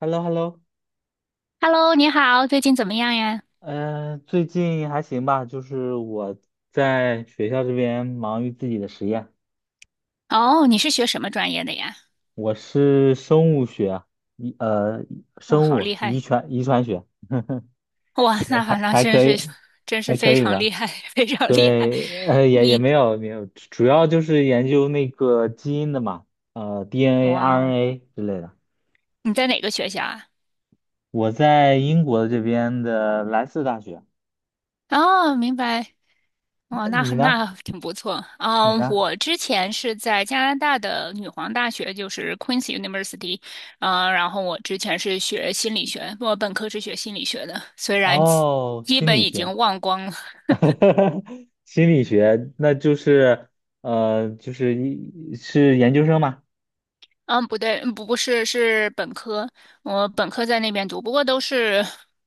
h e l l o h e l l o Hello，你好，最近怎么样呀？最近还行吧，就是我在学校这边忙于自己的实验。哦，你是学什么专业的呀？我是生物学啊，遗呃哇，生好物厉遗害！传遗传学。哇，呃那好，还那还真可是以，真是还可非以常吧。厉害，非常厉害。对，也你没有没有，主要就是研究那个基因的嘛，DNA、哇哦，RNA 之类的。你在哪个学校啊？我在英国这边的莱斯大学。哦，明白。哇，那你呢？挺不错。你啊。呢？我之前是在加拿大的女皇大学，就是 Queen's University。啊，然后我之前是学心理学，我本科是学心理学的，虽然哦，基心本理已学。经忘光了。 心理学，那就是就是是研究生吗？嗯，不对，不是，是本科，我本科在那边读，不过都是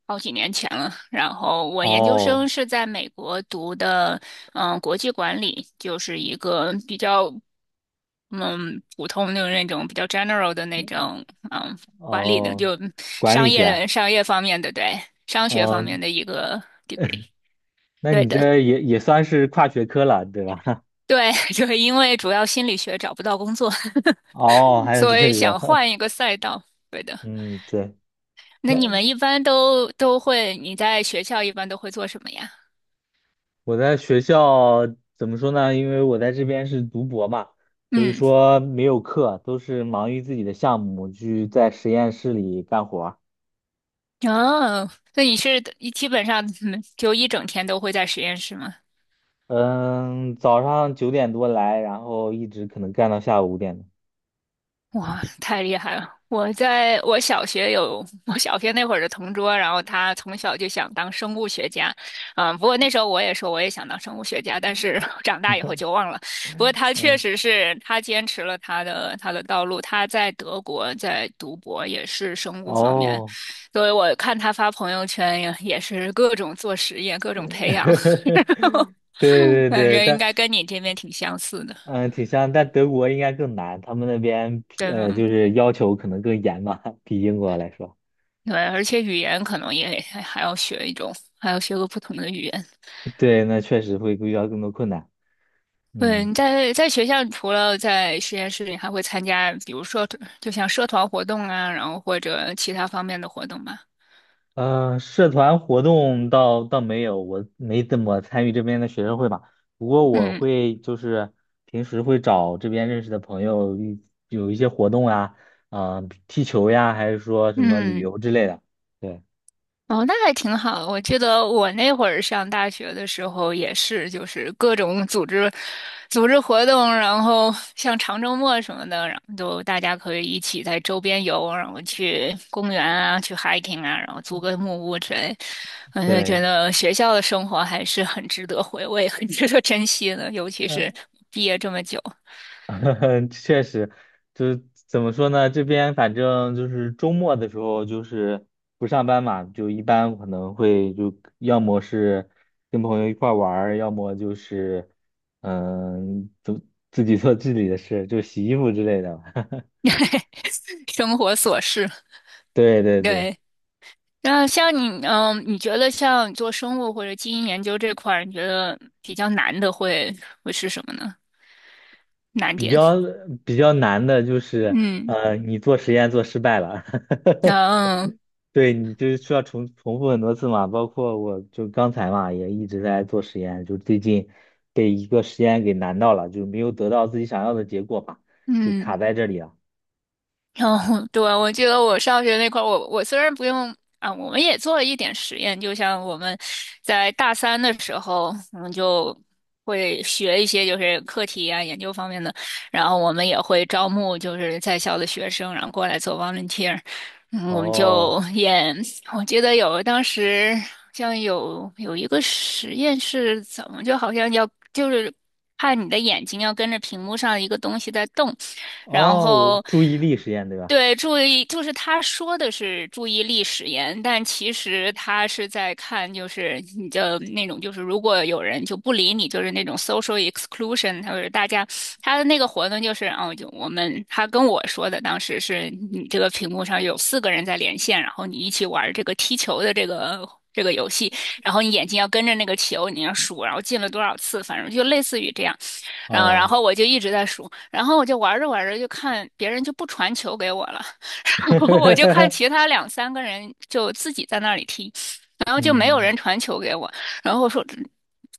好几年前了。然后我研究生哦是在美国读的，嗯，国际管理，就是一个比较嗯普通的那种比较 general 的那种嗯管理的，哦，就管理商业学。的商业方面的，对，商学方哦，面的一个 degree，那对你的。这也算是跨学科了，对吧？对，就是因为主要心理学找不到工作，哦，还有所以这个。想换一个赛道。对的。嗯，对，那那你们一般都会，你在学校一般都会做什么呀？我在学校怎么说呢？因为我在这边是读博嘛，所以嗯。说没有课，都是忙于自己的项目，去在实验室里干活。哦，那你是基本上就一整天都会在实验室吗？嗯，早上9点多来，然后一直可能干到下午5点的。哇，太厉害了！我在我小学有我小学那会儿的同桌，然后他从小就想当生物学家。嗯，不过那时候我也说我也想当生物学家，但是 长大以后就忘了。不过他确嗯，实是他坚持了他的道路，他在德国在读博也是生物方面，哦。所以我看他发朋友圈也是各种做实验，各种培 养，对对感对，觉应但该跟你这边挺相似的。挺像，但德国应该更难，他们那边对，就是要求可能更严吧，比英国来说。对，而且语言可能也还要学一种，还要学个不同的语言。对，那确实会遇到更多困难。对，嗯你在学校除了在实验室里，还会参加，比如说就像社团活动啊，然后或者其他方面的活动吧。社团活动倒没有，我没怎么参与这边的学生会吧。不过我嗯会就是平时会找这边认识的朋友一，有一些活动啊，啊、踢球呀，还是说什么旅嗯。游之类的。对哦，那还挺好。我记得我那会儿上大学的时候也是，就是各种组织、组织活动，然后像长周末什么的，然后就大家可以一起在周边游，然后去公园啊，去 hiking 啊，然后租个木屋之类。嗯，就觉对，得学校的生活还是很值得回味、很 值得珍惜的，尤其是嗯。毕业这么久。确实，就是怎么说呢？这边反正就是周末的时候，就是不上班嘛，就一般可能会就要么是跟朋友一块儿玩儿，要么就是嗯，就自己做自己的事，就洗衣服之类的。生活琐事。对对对，对，那像你，嗯，你觉得像做生物或者基因研究这块儿，你觉得比较难的会是什么呢？难比点？较比较难的就是，嗯，你做实验做失败了。嗯对你就是需要重复很多次嘛，包括我就刚才嘛，也一直在做实验，就最近被一个实验给难到了，就没有得到自己想要的结果嘛，就卡嗯。在这里了。然后，对，我记得我上学那块儿，我虽然不用啊，我们也做了一点实验，就像我们在大三的时候，我们就会学一些就是课题啊、研究方面的，然后我们也会招募就是在校的学生，然后过来做 volunteer。嗯，我们哦就演。我记得有当时好像有一个实验是怎么，就好像要就是看你的眼睛要跟着屏幕上一个东西在动，然哦，我后。注意力实验对吧？对，注意，就是他说的是注意力使言，但其实他是在看，就是你的那种，就是如果有人就不理你，就是那种 social exclusion，他就是大家他的那个活动就是，哦，就我们他跟我说的，当时是你这个屏幕上有四个人在连线，然后你一起玩这个踢球的这个游戏，然后你眼睛要跟着那个球，你要数，然后进了多少次，反正就类似于这样。然后然哦。后我就一直在数，然后我就玩着玩着就看别人就不传球给我了。我就看其 他两三个人就自己在那里踢，然后就没有嗯人传球给我，然后我说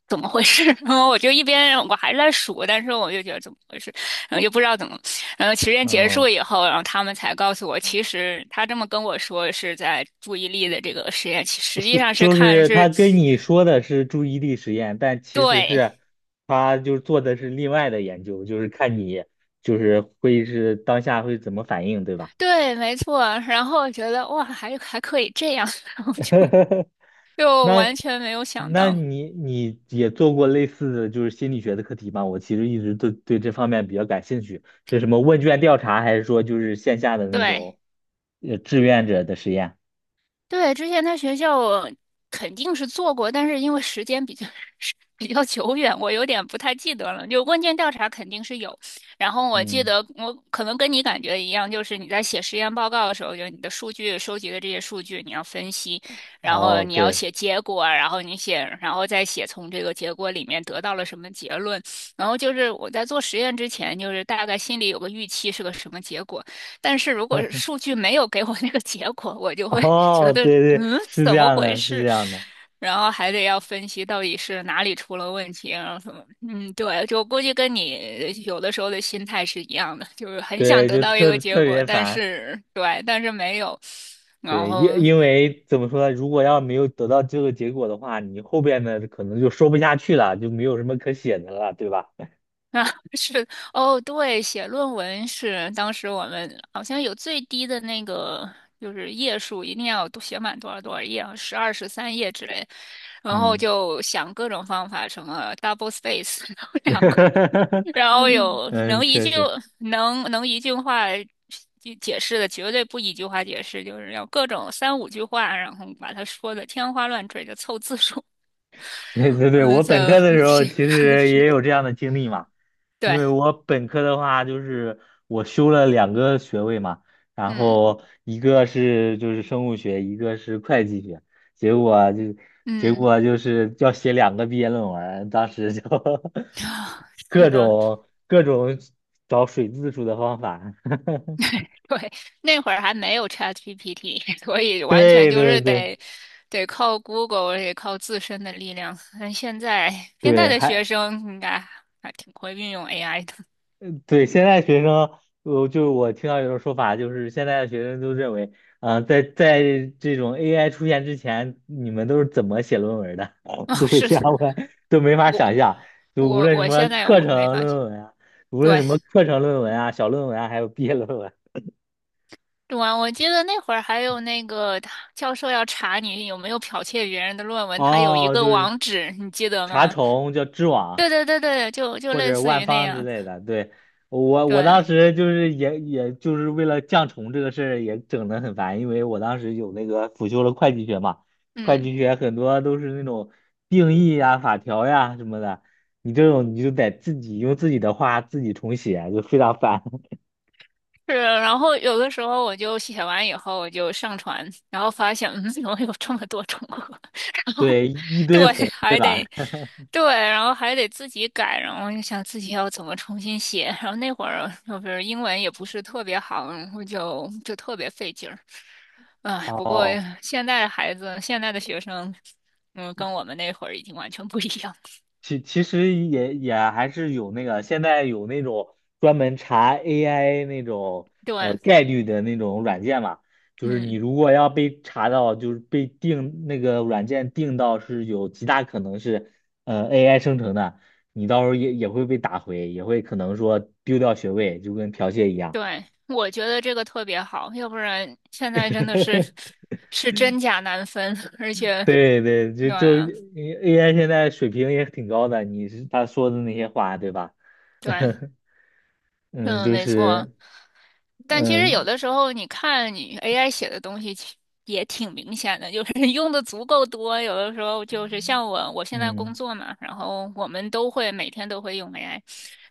怎么回事？然后我就一边我还在数，但是我就觉得怎么回事，然后就不知道怎么，然后实验结哦，束以后，然后他们才告诉我，其实他这么跟我说是在注意力的这个实验，实是际上是就看是他是。跟你说的是注意力实验，但其实对，是他就做的是另外的研究，就是看你就是会是当下会怎么反应，对吧？对，没错。然后我觉得哇，还可以这样。然后就 就那完全没有想那到。你也做过类似的就是心理学的课题吗？我其实一直对这方面比较感兴趣，是什么问卷调查，还是说就是线下的那对种志愿者的实验？对，之前在学校我肯定是做过，但是因为时间比较久远，我有点不太记得了。就问卷调查肯定是有，然后我记嗯，得我可能跟你感觉一样，就是你在写实验报告的时候，就是你的数据收集的这些数据，你要分析，然后哦，你要对。 写结果啊，然后你写，然后再写从这个结果里面得到了什么结论。然后就是我在做实验之前，就是大概心里有个预期是个什么结果，但是如果是数据没有给我那个结果，我 就会 觉哦，得对对，嗯，是这怎么样回的，是这事？样的。然后还得要分析到底是哪里出了问题，然后什么，嗯，对，就估计跟你有的时候的心态是一样的，就是很想对，得就到一个特结特果，别但烦。是对，但是没有，然对，后因为怎么说呢，如果要没有得到这个结果的话，你后边的可能就说不下去了，就没有什么可写的了，对吧？啊 是哦，对，写论文是当时我们好像有最低的那个就是页数，一定要都写满多少多少页，啊，十二十三页之类，然后嗯。就想各种方法，什么 double space，然后两个。然后有嗯，确实，能一句话解释的，绝对不一句话解释，就是要各种三五句话，然后把它说的天花乱坠的凑字数。对对 对，嗯，我本在科的时候这其个 实是也的，有这样的经历嘛，因对，为我本科的话就是我修了两个学位嘛，然嗯后一个是就是生物学，一个是会计学。结果就结嗯，果就是要写两个毕业论文，当时就 啊是各的，种各种找水字数的方法。对，那会儿还没有 ChatGPT，所以 完全对就对是对得靠 Google，得靠自身的力量。但现在对，的学还。生应该还挺会运用 AI 的。对，现在学生，我就是我听到有种说法，就是现在的学生都认为，啊、在这种 AI 出现之前，你们都是怎么写论文的？哦，都会是这样问，都没法我。想象。就无我论什我么现在课我没程发现。论文啊，无论对，什么课程论文啊、小论文啊，还有毕业论文。对啊，我记得那会儿还有那个他教授要查你有没有剽窃别人的论文，他有一哦，个就是网址，你记得查吗？重叫知网，对对对对，就或类者似万于那方之样。类的。对，我对，当时就是也就是为了降重这个事儿也整得很烦，因为我当时有那个辅修了会计学嘛。会嗯。计学很多都是那种定义呀、法条呀什么的，你这种你就得自己用自己的话自己重写，就非常烦。是，然后有的时候我就写完以后，我就上传，然后发现，嗯，怎么有这么多重合？然后，对，一堆对，红。还得，对，然后还得自己改，然后我就想自己要怎么重新写。然后那会儿就是英文也不是特别好，然后就特别费劲儿。唉，不过哦现在的孩子，现在的学生，嗯，跟我们那会儿已经完全不一样。其实也还是有那个，现在有那种专门查 AI 那种对，概率的那种软件嘛，就是你嗯。如果要被查到，就是被定那个软件定到是有极大可能是AI 生成的，你到时候也会被打回，也会可能说丢掉学位，就跟剽窃一样。对，我觉得这个特别好，要不然现在真的是 是真假难分。而且对对，就对就 啊 AI 现在水平也挺高的，你是他说的那些话，对吧？对，嗯，嗯，就没错。是。但其实有嗯的时候你看你 AI 写的东西也挺明显的，就是 用的足够多，有的时候就是像我现在工嗯，作嘛，然后我们都会每天都会用 AI，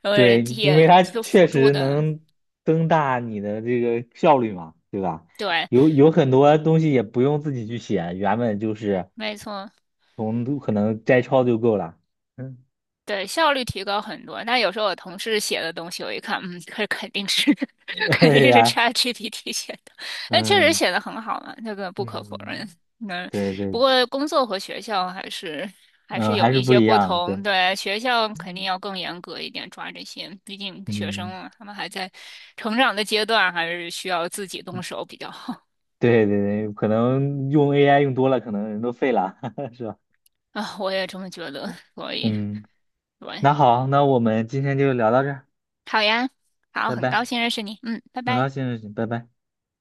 呃，对，因也为它就确辅助实的，能增大你的这个效率嘛，对吧？对，有很多东西也不用自己去写，原本就是没错。从可能摘抄就够了。嗯。对，效率提高很多。但有时候我同事写的东西，我一看，嗯，这肯定是 肯定对是 呀，ChatGPT 写的，但确实嗯写的很好嘛，这个不可否认。嗯，嗯，对对，不过工作和学校还是嗯，还有是一不些一不样，对，同。对，学校肯定要更严格一点抓这些，毕竟学生嗯，嘛，他们还在成长的阶段，还是需要自己动手比较好。对对对，可能用 AI 用多了，可能人都废了，是吧？啊，我也这么觉得，所以嗯，对，那好，那我们今天就聊到这儿。好呀，好，拜很高拜，兴认识你，嗯，拜很高拜。兴认识你，拜拜。